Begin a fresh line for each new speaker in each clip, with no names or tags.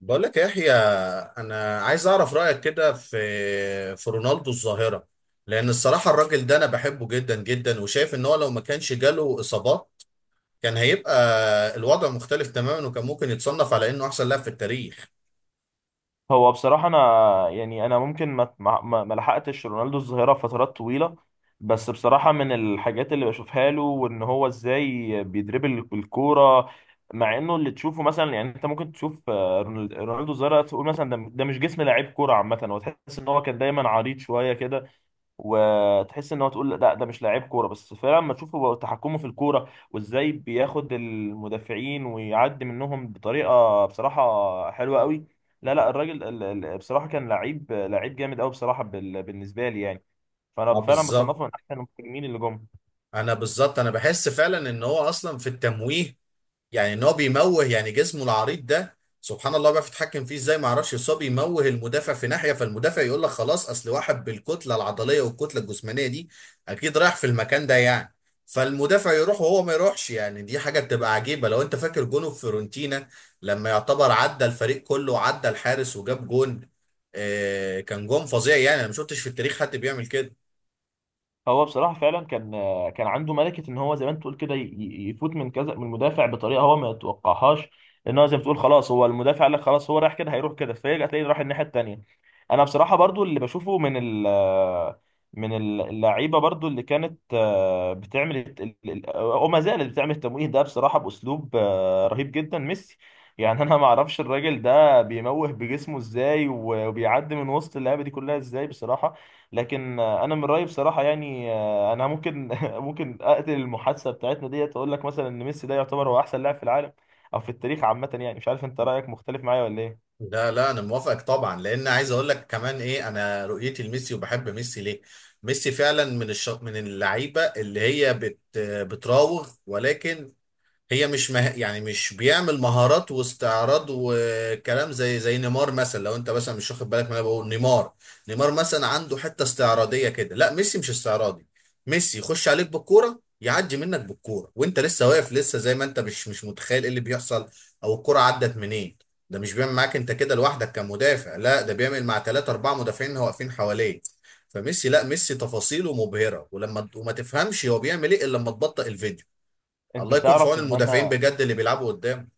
بقول لك يا يحيى، انا عايز اعرف رايك كده في رونالدو الظاهره. لان الصراحه الراجل ده انا بحبه جدا جدا، وشايف ان هو لو ما كانش جاله اصابات كان هيبقى الوضع مختلف تماما، وكان ممكن يتصنف على انه احسن لاعب في التاريخ.
هو بصراحة أنا أنا ممكن ما لحقتش رونالدو الظاهرة فترات طويلة. بس بصراحة من الحاجات اللي بشوفها له وإن هو إزاي بيدربل الكورة، مع إنه اللي تشوفه مثلا، أنت ممكن تشوف رونالدو الظاهرة، تقول مثلا ده مش جسم لعيب كورة عامة، هو تحس إن هو كان دايما عريض شوية كده، وتحس ان هو، تقول لا ده مش لاعب كوره، بس فعلا لما تشوفه تحكمه في الكوره وازاي بياخد المدافعين ويعدي منهم بطريقه بصراحه حلوه قوي. لا لا الراجل بصراحه كان لعيب لعيب جامد قوي، بصراحه بالنسبه لي.
اه
فانا فعلا
بالظبط.
بصنفه من احسن المهاجمين اللي جم.
انا بحس فعلا ان هو اصلا في التمويه، يعني ان هو بيموه، يعني جسمه العريض ده سبحان الله بيعرف يتحكم فيه ازاي ما اعرفش، بس هو بيموه المدافع في ناحيه، فالمدافع يقول لك خلاص اصل واحد بالكتله العضليه والكتله الجسمانيه دي اكيد رايح في المكان ده يعني، فالمدافع يروح وهو ما يروحش، يعني دي حاجه بتبقى عجيبه. لو انت فاكر جونه في فيورنتينا لما يعتبر عدى الفريق كله وعدى الحارس وجاب جون، آه كان جون فظيع، يعني انا ما شفتش في التاريخ حد بيعمل كده.
هو بصراحة فعلا كان كان عنده ملكة ان هو زي ما انت تقول كده يفوت من كذا من المدافع بطريقة هو ما يتوقعهاش. ان هو زي ما تقول خلاص، هو المدافع قال لك خلاص هو رايح كده، هيروح كده، فيرجع تلاقيه راح الناحية التانية. انا بصراحة برضو اللي بشوفه من اللعيبة، برضو اللي كانت بتعمل وما زالت بتعمل التمويه ده بصراحة بأسلوب رهيب جدا، ميسي. انا ما اعرفش الراجل ده بيموه بجسمه ازاي وبيعدي من وسط اللعيبة دي كلها ازاي، بصراحة. لكن انا من رايي بصراحه، انا ممكن ممكن اقتل المحادثه بتاعتنا ديت واقول لك مثلا ان ميسي ده يعتبر هو احسن لاعب في العالم او في التاريخ عامه. يعني مش عارف انت رايك مختلف معايا ولا ايه؟
لا لا انا موافقك طبعا، لان عايز اقول لك كمان ايه انا رؤيتي لميسي وبحب ميسي ليه. ميسي فعلا من من اللعيبه اللي هي بتراوغ، ولكن هي مش يعني مش بيعمل مهارات واستعراض وكلام زي نيمار مثلا. لو انت مثلا مش واخد بالك من اللي انا بقول، نيمار مثلا عنده حته استعراضيه كده، لا ميسي مش استعراضي. ميسي يخش عليك بالكوره، يعدي منك بالكوره وانت لسه واقف لسه زي ما انت مش متخيل ايه اللي بيحصل او الكوره عدت منين. ده مش بيعمل معاك انت كده لوحدك كمدافع، لا ده بيعمل مع ثلاثة أربعة مدافعين واقفين حواليه. فميسي لا ميسي تفاصيله مبهرة، وما تفهمش هو بيعمل ايه الا لما تبطئ الفيديو.
انت
الله يكون في
تعرف
عون
ان
المدافعين
انا،
بجد اللي بيلعبوا قدام.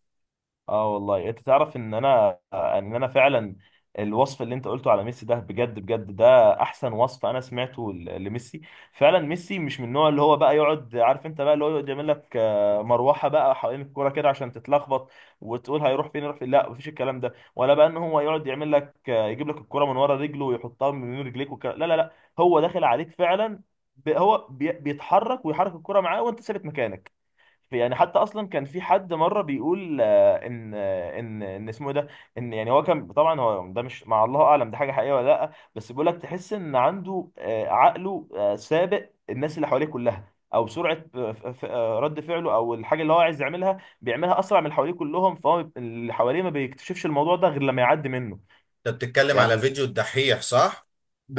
اه والله انت تعرف ان انا انا فعلا، الوصف اللي انت قلته على ميسي ده بجد بجد ده احسن وصف انا سمعته لميسي. فعلا ميسي مش من النوع اللي هو بقى يقعد، عارف انت بقى اللي هو يقعد يعمل لك مروحه بقى حوالين الكوره كده عشان تتلخبط وتقول هيروح فين، يروح فين، لا مفيش الكلام ده. ولا بقى ان هو يقعد يعمل لك يجيب لك الكوره من ورا رجله ويحطها من بين رجليك والكلام، لا لا لا. هو داخل عليك فعلا، بيتحرك ويحرك الكوره معاه وانت ثابت مكانك. يعني حتى اصلا كان في حد مره بيقول ان اسمه إيه ده، ان يعني هو كان، طبعا هو ده مش، مع الله اعلم ده حاجه حقيقيه ولا لا، بس بيقول لك تحس ان عنده عقله سابق الناس اللي حواليه كلها، او سرعه رد فعله، او الحاجه اللي هو عايز يعملها بيعملها اسرع من اللي حواليه كلهم، فهو اللي حواليه ما بيكتشفش الموضوع ده غير لما يعدي منه.
انت بتتكلم على
يعني
فيديو الدحيح، صح؟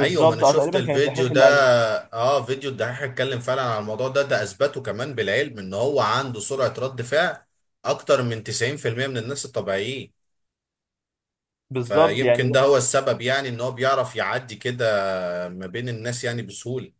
ايوه ما انا
اه
شفت
تقريبا كان
الفيديو
الدحيح
ده.
اللي قالها.
اه فيديو الدحيح اتكلم فعلا على الموضوع ده، ده اثبته كمان بالعلم ان هو عنده سرعة رد فعل اكتر من 90% من الناس الطبيعيين.
بالظبط
فيمكن
يعني،
ده هو السبب، يعني ان هو بيعرف يعدي كده ما بين الناس يعني بسهولة.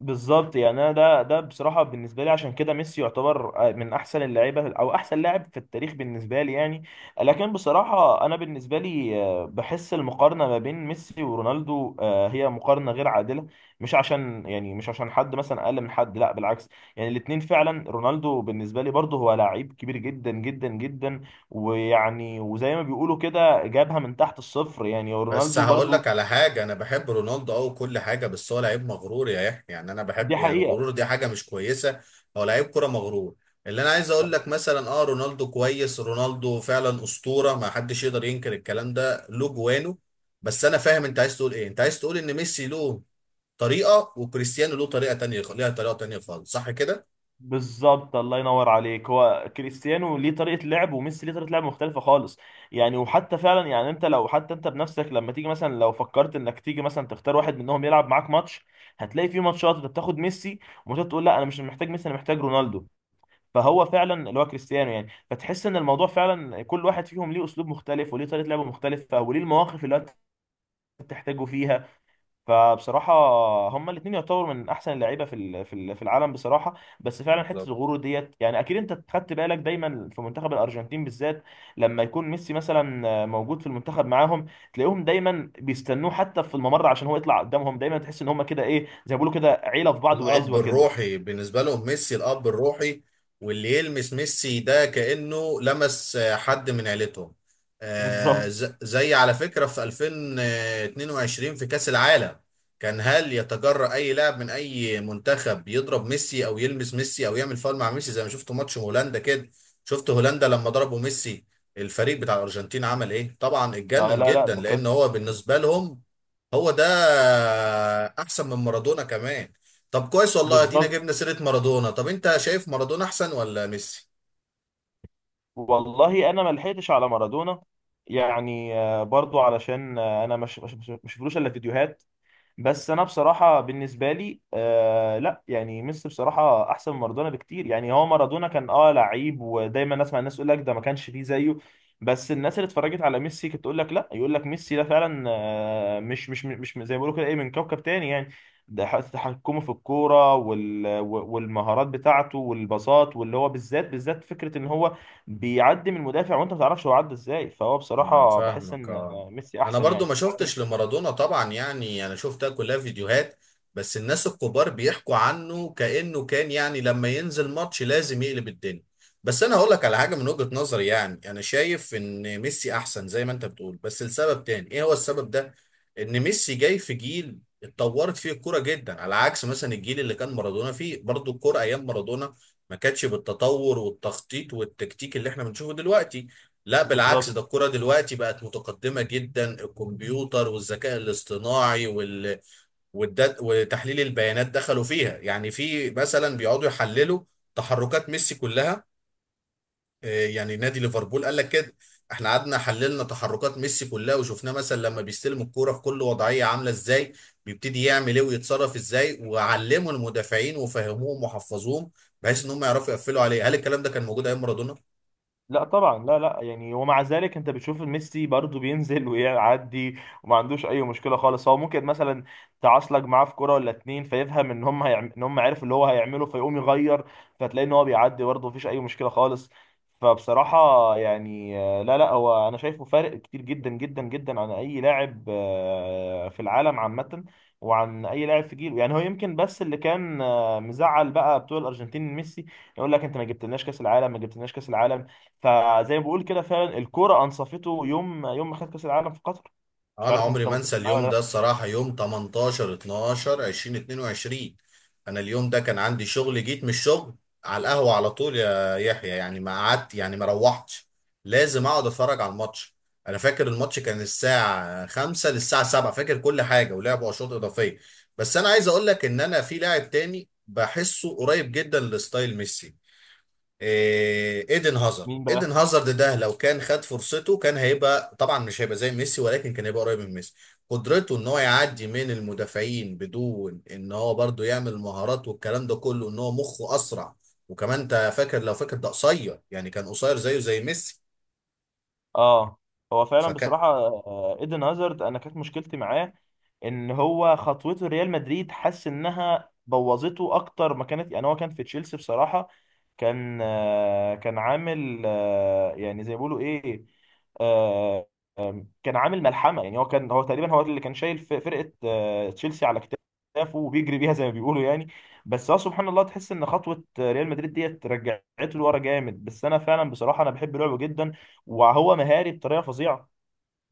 بالظبط يعني انا ده بصراحه بالنسبه لي عشان كده ميسي يعتبر من احسن اللعيبه او احسن لاعب في التاريخ بالنسبه لي يعني. لكن بصراحه انا بالنسبه لي، بحس المقارنه ما بين ميسي ورونالدو هي مقارنه غير عادله. مش عشان يعني مش عشان حد مثلا اقل من حد، لا بالعكس، يعني الاثنين فعلا. رونالدو بالنسبه لي برضه هو لعيب كبير جدا جدا جدا، ويعني وزي ما بيقولوا كده جابها من تحت الصفر يعني
بس
رونالدو
هقول
برضه.
لك على حاجة، أنا بحب رونالدو أو كل حاجة، بس هو لعيب مغرور يا يحيى، يعني أنا
دي
بحب، يعني
حقيقه.
الغرور دي حاجة مش كويسة. هو لعيب كرة مغرور. اللي أنا عايز أقول لك مثلا، أه رونالدو كويس، رونالدو فعلا أسطورة، ما حدش يقدر ينكر الكلام ده له جوانه. بس أنا فاهم أنت عايز تقول إيه، أنت عايز تقول إن ميسي له طريقة وكريستيانو له طريقة تانية، ليها طريقة تانية خالص، صح كده؟
بالظبط الله ينور عليك، هو كريستيانو ليه طريقه لعب وميسي ليه طريقه لعب مختلفه خالص. يعني وحتى فعلا، يعني انت لو حتى انت بنفسك لما تيجي مثلا، لو فكرت انك تيجي مثلا تختار واحد منهم يلعب معاك ماتش، هتلاقي في ماتشات انت بتاخد ميسي، وماتشات تقول لا انا مش محتاج ميسي، انا محتاج رونالدو. فهو فعلا اللي هو كريستيانو يعني، فتحس ان الموضوع فعلا كل واحد فيهم ليه اسلوب مختلف وليه طريقه لعب مختلفه وليه المواقف اللي انت بتحتاجه فيها. فبصراحة هما الاتنين يعتبروا من أحسن اللعيبة في العالم بصراحة. بس فعلا حتة الغرور ديت، يعني أكيد أنت خدت بالك دايما في منتخب الأرجنتين بالذات لما يكون ميسي مثلا موجود في المنتخب معاهم، تلاقيهم دايما بيستنوه حتى في الممر عشان هو يطلع قدامهم، دايما تحس إن هما كده إيه، زي ما بيقولوا كده عيلة في بعض
الاب
وعزوة كده.
الروحي بالنسبه لهم ميسي، الاب الروحي، واللي يلمس ميسي ده كانه لمس حد من عيلتهم.
بالظبط.
زي على فكره في 2022 في كاس العالم، كان هل يتجرأ اي لاعب من اي منتخب يضرب ميسي او يلمس ميسي او يعمل فاول مع ميسي؟ زي ما شفت ماتش هولندا كده. شفت هولندا لما ضربوا ميسي الفريق بتاع الارجنتين عمل ايه؟ طبعا
آه
اتجنن
لا لا
جدا
ده كانت،
لان هو بالنسبه لهم هو ده، احسن من مارادونا كمان. طب كويس، والله ادينا
بالظبط.
جبنا سيرة مارادونا، طب انت شايف مارادونا احسن ولا ميسي؟
والله أنا ما لحقتش على مارادونا، برضو علشان أنا مش شفتلوش إلا فيديوهات. بس انا بصراحه بالنسبه لي آه لا، يعني ميسي بصراحه احسن من مارادونا بكتير. يعني هو مارادونا كان اه لعيب، ودايما اسمع الناس يقول لك ده ما كانش فيه زيه، بس الناس اللي اتفرجت على ميسي كانت تقول لك لا، يقول لك ميسي ده فعلا آه مش زي ما بيقولوا كده ايه، من كوكب تاني يعني. ده تحكمه في الكوره والمهارات بتاعته والباصات، واللي هو بالذات فكره ان هو بيعدي من المدافع وانت ما تعرفش هو عدى ازاي. فهو
انا
بصراحه بحس
فاهمك
ان
اه.
ميسي
انا
احسن
برضو
يعني.
ما شفتش لمارادونا طبعا، يعني انا شفتها كلها فيديوهات، بس الناس الكبار بيحكوا عنه كأنه كان يعني لما ينزل ماتش لازم يقلب الدنيا. بس انا هقول لك على حاجة من وجهة نظري، يعني انا شايف ان ميسي احسن زي ما انت بتقول، بس لسبب تاني. ايه هو السبب ده؟ ان ميسي جاي في جيل اتطورت فيه الكرة جدا، على عكس مثلا الجيل اللي كان مارادونا فيه. برضو الكرة ايام مارادونا ما كانتش بالتطور والتخطيط والتكتيك اللي احنا بنشوفه دلوقتي. لا بالعكس
بالظبط.
ده الكرة دلوقتي بقت متقدمة جدا، الكمبيوتر والذكاء الاصطناعي وتحليل البيانات دخلوا فيها، يعني في مثلا بيقعدوا يحللوا تحركات ميسي كلها. يعني نادي ليفربول قال لك كده احنا قعدنا حللنا تحركات ميسي كلها، وشفناه مثلا لما بيستلم الكرة في كل وضعية عاملة ازاي، بيبتدي يعمل ايه ويتصرف ازاي، وعلموا المدافعين وفهموهم وحفظوهم بحيث ان هم يعرفوا يقفلوا عليه. هل الكلام ده كان موجود ايام مارادونا؟
لا طبعا لا لا، يعني ومع ذلك انت بتشوف ميسي برضه بينزل ويعدي وما عندوش اي مشكله خالص. هو ممكن مثلا تعصلك معاه في كوره ولا اتنين فيفهم ان هم هيعم... ان هم عارف اللي هو هيعمله فيقوم يغير، فتلاقي ان هو بيعدي برضه مفيش اي مشكله خالص. فبصراحه يعني لا لا، هو انا شايفه فارق كتير جدا جدا جدا عن اي لاعب في العالم عامه، وعن اي لاعب في جيله. يعني هو يمكن بس اللي كان مزعل بقى بتوع الارجنتين ميسي، يقول لك انت ما جبتلناش كاس العالم، ما جبتلناش كاس العالم، فزي ما بقول كده فعلا الكوره انصفته يوم يوم ما خد كاس العالم في قطر. مش
انا
عارف
عمري
انت
ما
متفق
انسى
معايا ولا
اليوم ده
لا.
الصراحه، يوم 18 12 2022. انا اليوم ده كان عندي شغل، جيت من الشغل على القهوه على طول يا يحيى، يعني ما قعدت يعني ما روحتش، لازم اقعد اتفرج على الماتش. انا فاكر الماتش كان الساعه 5 للساعه 7، فاكر كل حاجه، ولعبوا اشواط اضافيه. بس انا عايز اقول لك ان انا في لاعب تاني بحسه قريب جدا لستايل ميسي، ايدن هازارد.
مين
ايدن
بقى؟
هازارد ده لو كان خد فرصته كان هيبقى، طبعا مش هيبقى زي ميسي، ولكن كان هيبقى قريب من ميسي. قدرته ان هو يعدي من المدافعين بدون ان هو برضو يعمل مهارات والكلام ده كله، ان هو مخه اسرع. وكمان انت فاكر لو فاكر ده قصير، يعني كان قصير زيه زي ميسي.
اه هو فعلا
فك...
بصراحه ايدن هازارد انا كانت مشكلتي معاه ان هو خطوته ريال مدريد حاسس انها بوظته اكتر ما كانت. يعني هو كان في تشيلسي بصراحه كان كان عامل يعني زي ما بيقولوا ايه، آه، كان عامل ملحمه. يعني هو كان، هو تقريبا هو اللي كان شايل فرقه تشيلسي على كتافه وبيجري بيها زي ما بيقولوا يعني. بس هو سبحان الله تحس ان خطوه ريال مدريد ديت رجعته لورا جامد. بس انا فعلا بصراحه انا بحب لعبه جدا، وهو مهاري بطريقه فظيعه،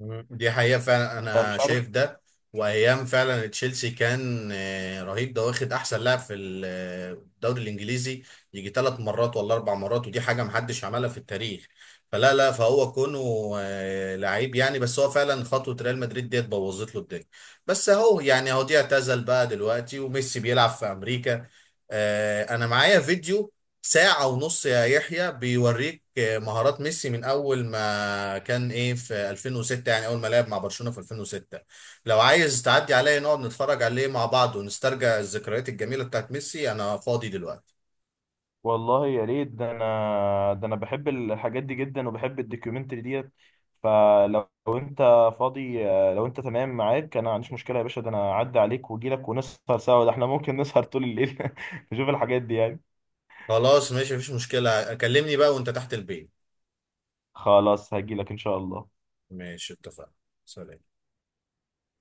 مم. دي حقيقة فعلا أنا
فمش عارف.
شايف ده. وأيام فعلا تشيلسي كان رهيب، ده واخد أحسن لاعب في الدوري الإنجليزي يجي ثلاث مرات ولا أربع مرات، ودي حاجة محدش عملها في التاريخ. فلا لا فهو كونه لعيب يعني، بس هو فعلا خطوة ريال مدريد ديت بوظت له الدنيا. بس أهو يعني أهو دي اعتزل بقى دلوقتي وميسي بيلعب في أمريكا. أنا معايا فيديو ساعة ونص يا يحيى بيوريك مهارات ميسي من أول ما كان إيه في 2006، يعني أول ما لعب مع برشلونة في 2006. لو عايز تعدي عليا نقعد نتفرج عليه مع بعض ونسترجع الذكريات الجميلة بتاعت ميسي، أنا فاضي دلوقتي.
والله يا ريت، ده انا، ده انا بحب الحاجات دي جدا وبحب الدوكيومنتري ديت. فلو لو انت فاضي، لو انت تمام معاك انا ما عنديش مشكله يا باشا، ده انا اعدي عليك واجي لك ونسهر سوا، ده احنا ممكن نسهر طول الليل نشوف الحاجات دي يعني.
خلاص ماشي مفيش مشكلة، كلمني بقى وأنت تحت البيت.
خلاص هجيلك ان شاء الله.
ماشي اتفقنا. سلام.